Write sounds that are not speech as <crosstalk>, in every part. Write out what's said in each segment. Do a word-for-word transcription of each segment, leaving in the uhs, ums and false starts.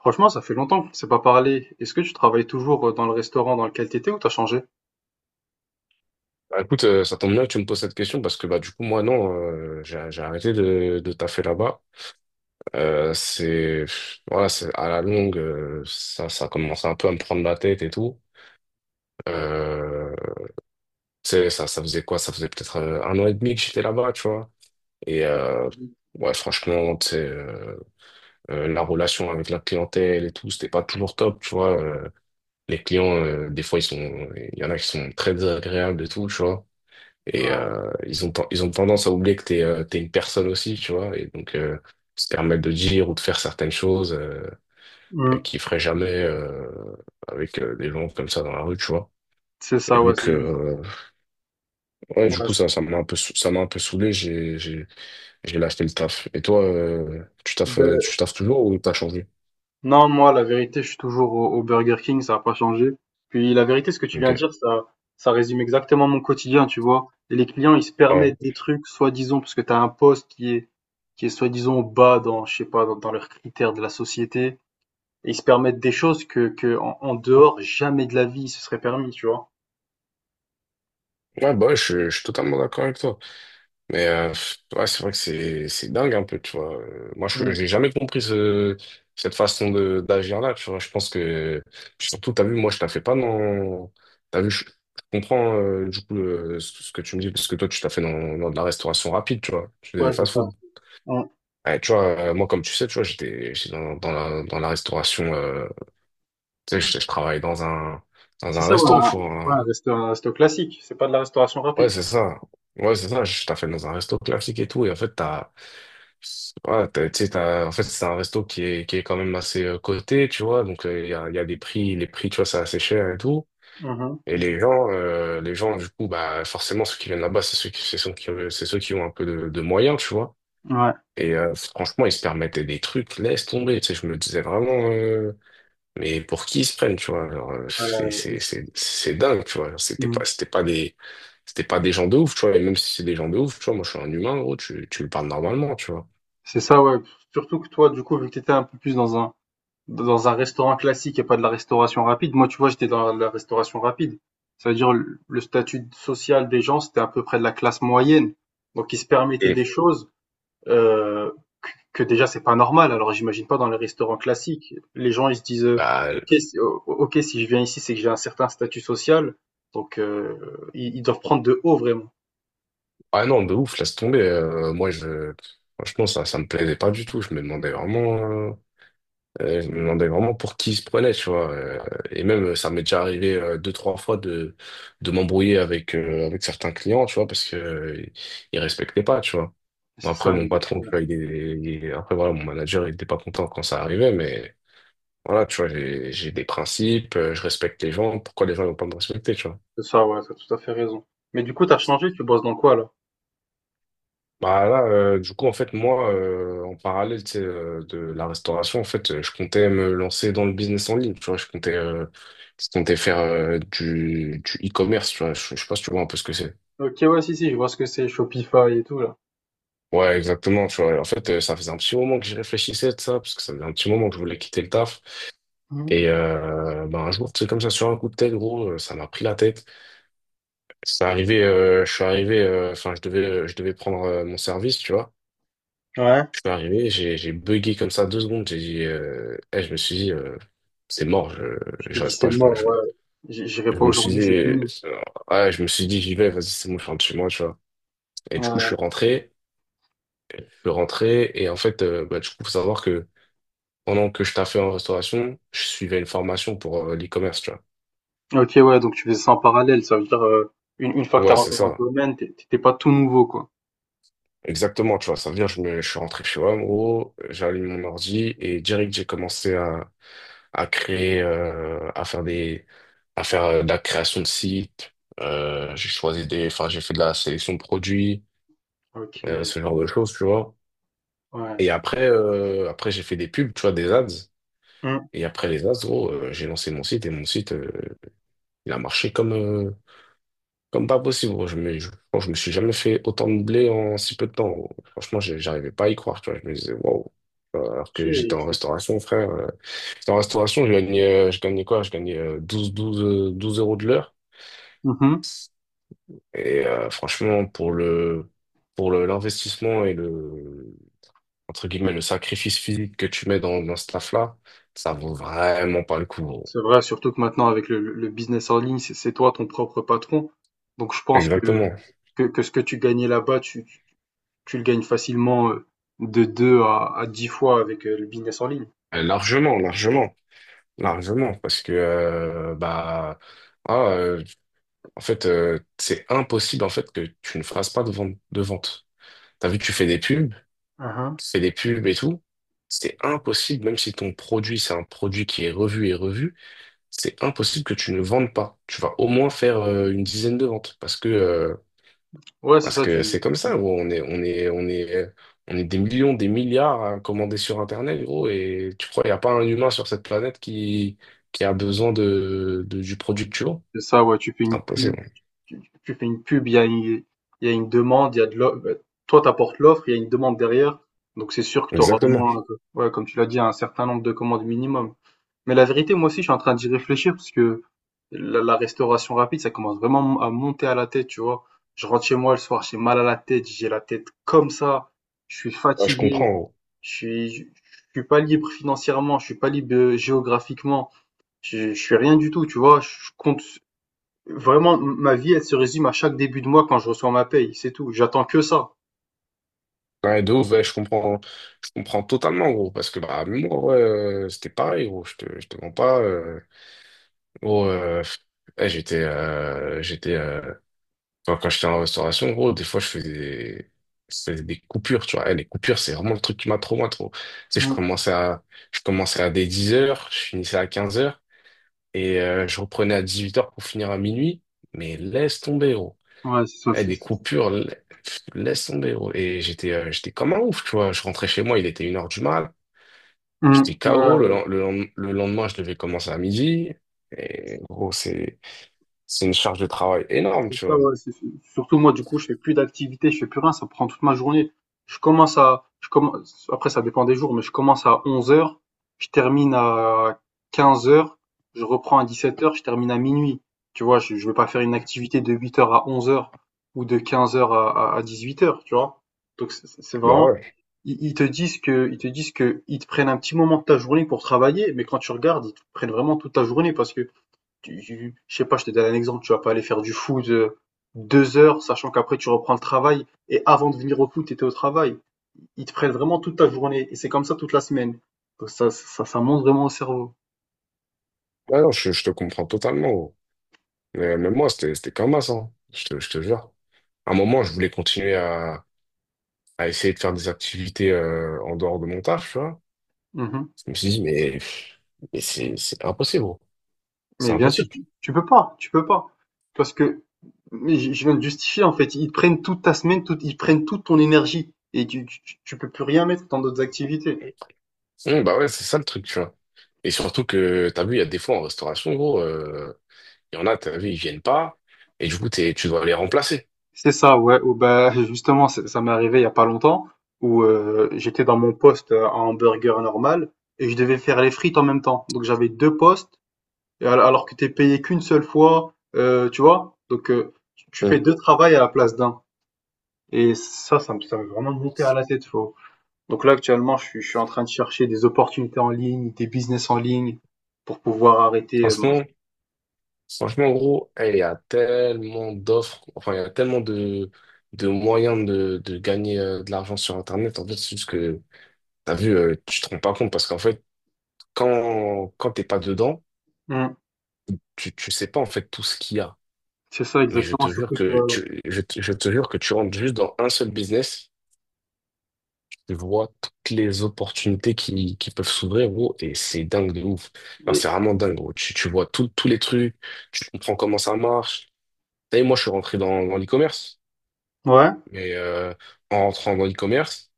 Franchement, ça fait longtemps qu'on ne s'est pas parlé. Est-ce que tu travailles toujours euh, dans le restaurant dans lequel tu étais ou t'as changé? Bah, écoute, euh, ça tombe bien que tu me poses cette question parce que bah du coup moi non, euh, j'ai j'ai arrêté de, de taffer là-bas. Euh, c'est pff, voilà, c'est à la longue, euh, ça ça commence un peu à me prendre la tête et tout. Euh, Tu sais, ça ça faisait quoi? Ça faisait peut-être euh, un an et demi que j'étais là-bas, tu vois. Et euh, Mhm. ouais, franchement, tu sais, euh, euh, la relation avec la clientèle et tout, c'était pas toujours top, tu vois. Euh, les clients, euh, des fois ils sont, il y en a qui sont très désagréables et tout, tu vois. Et Ouais. euh, ils ont, ten- ils ont tendance à oublier que t'es euh, t'es une personne aussi, tu vois. Et donc, euh, se permettre de dire ou de faire certaines choses euh, euh, Mm. qu'ils feraient jamais euh, avec euh, des gens comme ça dans la rue, tu vois. C'est Et ça, ouais. c'est- donc, ouais, euh, ouais, du coup, c'est- ça, ça m'a un peu, sou- ça m'a un peu saoulé. J'ai, j'ai, j'ai lâché le taf. Et toi, euh, tu taffes, euh, Ben, tu taffes toujours ou t'as changé? non, moi, la vérité, je suis toujours au, au Burger King, ça n'a pas changé. Puis la vérité, ce que tu viens de dire, Ok. ça, ça résume exactement mon quotidien, tu vois. Et les clients, ils se Ouais. permettent des trucs, soi-disant, parce que tu as un poste qui est, qui est soi-disant bas dans, je sais pas, dans, dans leurs critères de la société. Et ils se permettent des choses que, que en, en dehors, jamais de la vie, ils se seraient permis, tu vois. Ouais, bah, ouais, je, je suis totalement d'accord avec toi. Mais euh, pff, ouais, c'est vrai que c'est c'est dingue un peu, tu vois. Euh, Moi, je Mm. j'ai jamais compris ce, cette façon de d'agir là, tu vois. Je pense que puis surtout, t'as vu, moi, je la fais pas dans. T'as vu, je, je comprends euh, du coup le- ce ce que tu me dis parce que toi, tu t'as fait dans, dans de la restauration rapide, tu vois. Tu fais Ouais, des c'est ça. fast-food. Ouais, tu vois, euh, moi, comme tu sais, tu vois, j'étais j'étais dans, dans la dans la restauration. Euh, tu sais, je, je travaille dans un dans C'est un ça, ouais, resto, un, tu ouais, un vois. resto, un resto classique, c'est pas de la restauration Ouais, rapide. c'est ça. Ouais, c'est ça. Je t'ai fait dans un resto classique et tout, et en fait, t'as ouais, t'as- tu sais, t'as- en fait, c'est un resto qui est, qui est quand même assez euh, coté, tu vois. Donc, euh, il y a, il y a des prix, les prix, tu vois, c'est assez cher et tout. Mhm. Et les gens, euh, les gens, du coup, bah, forcément, ceux qui viennent là-bas, c'est ceux qui, c'est ceux qui, euh, c'est ceux qui ont un peu de, de moyens, tu vois. Ouais. Et euh, franchement, ils se permettaient des trucs, laisse tomber. Tu sais, je me disais vraiment, euh, mais pour qui ils se prennent, tu vois? Genre, euh, c'est, Euh, c'est, c'est, c'est dingue, tu vois. Genre, C'était mhm. pas, c'était pas des, c'était pas des gens de ouf, tu vois. Et même si c'est des gens de ouf, tu vois, moi, je suis un humain, gros, tu, tu me parles normalement, tu vois. C'est ça, ouais. Surtout que toi, du coup, vu que t'étais un peu plus dans un, dans un restaurant classique et pas de la restauration rapide, moi, tu vois, j'étais dans la restauration rapide. Ça veut dire le le statut social des gens, c'était à peu près de la classe moyenne. Donc, ils se permettaient Et des choses euh, que déjà c'est pas normal. Alors j'imagine pas dans les restaurants classiques. Les gens ils se disent euh, bah, ok, si- o- ok, si je viens ici c'est que j'ai un certain statut social, donc euh, ils, ils doivent prendre de haut vraiment. ah non, de ouf, laisse tomber. Euh, moi, je, franchement, ça, ça me plaisait pas du tout. Je me demandais vraiment, euh, euh, je me demandais vraiment pour qui il se prenait, tu vois. Euh, et même, euh, ça m'est déjà arrivé euh, deux, trois fois de, de m'embrouiller avec, euh, avec certains clients, tu vois, parce que, euh, ils respectaient pas, tu vois. Bon, C'est après, ça, mon euh, patron, tu vois, il est, il est- après, voilà, mon manager, il était pas content quand ça arrivait, mais voilà, tu vois, j'ai, j'ai des principes, euh, je respecte les gens. Pourquoi les gens ne vont pas me respecter, tu vois? c'est ça, ouais, t'as tout à fait raison. Mais du coup t'as changé, tu bosses dans quoi là? Bah là, euh, du coup, en fait, moi, euh, en parallèle, tu sais, euh, de la restauration, en fait, euh, je comptais me lancer dans le business en ligne, tu vois, je comptais, euh, je comptais faire euh, du, du e-commerce, tu vois, je, je sais pas si tu vois un peu ce que c'est. Ok, ouais, si si, je vois ce que c'est, Shopify et tout là. Ouais, exactement, tu vois, en fait, euh, ça faisait un petit moment que j'y réfléchissais de ça, parce que ça faisait un petit moment que je voulais quitter le taf, Mhm. et euh, bah, un jour, tu sais, comme ça, sur un coup de tête, gros, euh, ça m'a pris la tête. C'est arrivé, euh, je suis arrivé, euh, enfin, je devais, euh, je devais prendre euh, mon service, tu vois. Ouais. Je suis arrivé, j'ai j'ai bugué comme ça deux secondes. J'ai dit, euh, eh, je me suis dit, euh, c'est mort, je, Tu t'es je dit reste c'est pas. Je me, mort, je me- ouais. J- J'irai je pas me suis dit, aujourd'hui, c'est euh, fini. ouais, je me suis dit, j'y vais, vas-y, c'est bon, je rentre chez moi, tu vois. Et du coup, je Ouais. suis rentré, je suis rentré, et en fait, euh, bah, du coup, faut savoir que pendant que je taffais en restauration, je suivais une formation pour euh, l'e-commerce, tu vois. Ok, ouais, donc tu faisais ça en parallèle, ça veut dire euh, une, une fois que t'as Ouais, c'est rentré dans le ça. domaine, t'es t'étais pas tout nouveau quoi. Exactement, tu vois. Ça veut dire, je me, je suis rentré chez moi, en gros, j'ai allumé mon ordi, et direct, j'ai commencé à à créer, euh, à faire des, à faire euh, de la création de sites. Euh, j'ai choisi des, enfin, j'ai fait de la sélection de produits, Ok. euh, ce genre de choses, tu vois. Ouais. Et après, euh, après, j'ai fait des pubs, tu vois, des ads. Mmh. Et après les ads, gros, euh, j'ai lancé mon site et mon site, euh, il a marché comme, euh, comme pas possible. Gros. Je me, je, je me suis jamais fait autant de blé en si peu de temps. Gros. Franchement, j'ai- j'arrivais pas à y croire, tu vois. Je me disais, waouh. Alors que j'étais en OK. restauration, frère. euh, J'étais en restauration, je gagnais, euh, je gagnais quoi? Je gagnais euh, douze, douze euh, douze euros de l'heure. Mmh. Et euh, franchement, pour le, pour le- l'investissement et le, entre guillemets, le sacrifice physique que tu mets dans, dans ce taf-là, ça vaut vraiment pas le coup. Gros. C'est vrai, surtout que maintenant avec le le business en ligne, c'est c'est toi ton propre patron. Donc je pense que Exactement. que que ce que tu gagnais là-bas, tu tu tu le gagnes facilement, heu, de deux à à dix fois avec, heu, le business en ligne. Euh, Largement, largement, largement. Parce que, euh, bah, ah, euh, en fait, euh, c'est impossible, en fait, que tu ne fasses pas de vente, de vente. T'as vu, tu fais des pubs. Mmh. Tu fais des pubs et tout, c'est impossible, même si ton produit, c'est un produit qui est revu et revu, c'est impossible que tu ne vendes pas. Tu vas au moins faire euh, une dizaine de ventes parce que euh, Ouais, c'est parce ça, tu que c'est comme mmh, ça, gros. On est on est on est on est des millions, des milliards à commander sur Internet, gros. Et tu crois, il n'y a pas un humain sur cette planète qui qui a besoin de, de- du produit que tu vends? c'est ça, ouais, tu fais C'est une pub, impossible. tu tu fais une pub, il y a une il y a une demande, il y a de l'off bah, toi t'apportes l'offre, il y a une demande derrière, donc c'est sûr que tu auras au Exactement. moins, heu, ouais, comme tu l'as dit, un certain nombre de commandes minimum. Mais la vérité, moi aussi, je suis en train d'y réfléchir parce que la, la restauration rapide, ça commence vraiment à monter à la tête, tu vois. Je rentre chez moi le soir, j'ai mal à la tête, j'ai la tête comme ça, je suis Ouais, je comprends. fatigué, Gros. je suis, je je suis pas libre financièrement, je suis pas libre euh, géographiquement, je, je suis rien du tout, tu vois. Je compte vraiment, ma vie, elle se résume à chaque début de mois quand je reçois ma paye, c'est tout. J'attends que ça. Ouais, de ouf, ouais, je comprends, je comprends totalement, gros, parce que bah, même moi, ouais, euh, c'était pareil, gros, je te, je te mens pas. Euh, gros, euh, ouais, j'étais, euh, j'étais, euh, enfin, quand j'étais en restauration, gros, des fois, je faisais des, je faisais des coupures, tu vois. Eh, les coupures, c'est vraiment le truc qui m'a trop, moi, trop. Tu sais, je Mm. commençais à, je commençais à des dix heures, je finissais à quinze heures, et euh, je reprenais à dix-huit heures pour finir à minuit, mais laisse tomber, gros. Ouais, c'est ça, Eh, c'est des ça. coupures, la- pff, laisse tomber, gros. Et j'étais euh, j'étais comme un ouf, tu vois. Je rentrais chez moi, il était une heure du mat. Mm. J'étais K O. Le, Ouais. len- le, len- le lendemain, je devais commencer à midi. Et gros, c'est c'est une charge de travail énorme, C'est tu ça, vois. ouais, c'est- c'est- Surtout moi, du coup, je fais plus d'activité, je fais plus rien, ça prend toute ma journée. Je commence à, je commence, après, ça dépend des jours, mais je commence à onze heures, je termine à quinze heures, je reprends à dix-sept heures, je termine à minuit. Tu vois, je, je vais pas faire une activité de huit heures à onze heures ou de quinze heures à, à, à dix-huit heures, tu vois. Donc, c'est c'est- c'est Bah vraiment, ouais. ils, ils te disent que, ils te disent que, ils te prennent un petit moment de ta journée pour travailler, mais quand tu regardes, ils te prennent vraiment toute ta journée parce que tu, je sais pas, je te donne un exemple, tu vas pas aller faire du foot euh, deux heures, sachant qu'après tu reprends le travail, et avant de venir au foot, tu étais au travail. Ils te prennent vraiment toute ta journée, et c'est comme ça toute la semaine. Donc ça, ça, ça monte vraiment au cerveau. Ah non, je, je te comprends totalement, gros. Mais même moi, c'était c'était comme ça, hein. Je te, je te jure. À un moment, je voulais continuer à, à essayer de faire des activités euh, en dehors de mon taf, tu vois. Mhm. Je me suis dit, mais, mais c'est c'est impossible, gros. C'est Mais bien sûr, impossible. tu, tu peux pas, tu peux pas. Parce que, mais je je viens de justifier, en fait, ils te prennent toute ta semaine, toute, ils prennent toute ton énergie, et tu, tu, tu peux plus rien mettre dans d'autres activités. Mmh, bah ouais, c'est ça le truc, tu vois. Et surtout que, t'as vu, il y a des fois en restauration, gros, euh, il y en a, t'as vu, ils viennent pas, et du coup, t'es, tu dois les remplacer. C'est ça, ouais, ou bah, <laughs> justement, ça ça m'est arrivé il y a pas longtemps où euh, j'étais dans mon poste euh, à hamburger normal et je devais faire les frites en même temps. Donc j'avais deux postes et al- alors que t'es payé qu'une seule fois, euh, tu vois. Donc euh, tu tu Mmh. fais deux travails à la place d'un. Et ça, ça me, ça me vraiment monté à la tête, faut. Donc là, actuellement, je suis, je suis en train de chercher des opportunités en ligne, des business en ligne pour pouvoir arrêter. euh, mon- Franchement, franchement, gros, eh, il y a tellement d'offres, enfin, il y a tellement de, de moyens de, de gagner euh, de l'argent sur Internet. En fait, c'est juste que, t'as vu, euh, tu te rends pas compte, parce qu'en fait, quand, quand t'es pas dedans, Hmm, tu, tu sais pas, en fait, tout ce qu'il y a. c'est ça Mais je exactement, te jure surtout que... que euh, tu, je, te- je te jure que tu rentres juste dans un seul business. Tu vois toutes les opportunités qui, qui peuvent s'ouvrir, gros, et c'est dingue de ouf. Enfin, c'est vraiment dingue, gros. Tu, tu vois tout- tous les trucs, tu comprends comment ça marche. T'as vu, moi, je suis rentré dans, dans l'e-commerce, Ouais, mais euh, en rentrant dans l'e-commerce,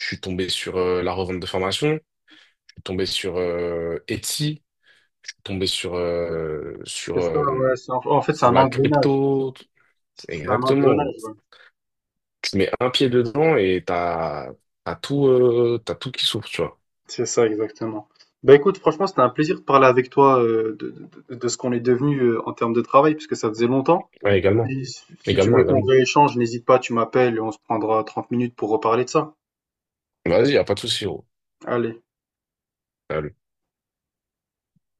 je suis tombé sur euh, la revente de formation, je suis tombé sur euh, Etsy, je suis tombé sur, euh, sur, c'est ça, ouais. euh, c'est- En en fait, c'est sur un la engrenage. crypto. C'est c'est un Exactement, engrenage, gros. ouais. Tu mets un pied dedans et t'as, t'as tout, euh, t'as tout qui s'ouvre, tu vois. C'est ça, exactement. Bah écoute, franchement, c'était un plaisir de parler avec toi euh, de, de- de de ce qu'on est devenu euh, en termes de travail, puisque ça faisait longtemps. Ouais, également. Et si si tu Également, veux qu'on également. rééchange, n'hésite pas, tu m'appelles et on se prendra trente minutes pour reparler de ça. Vas-y, y a pas de souci, gros. Allez. Salut.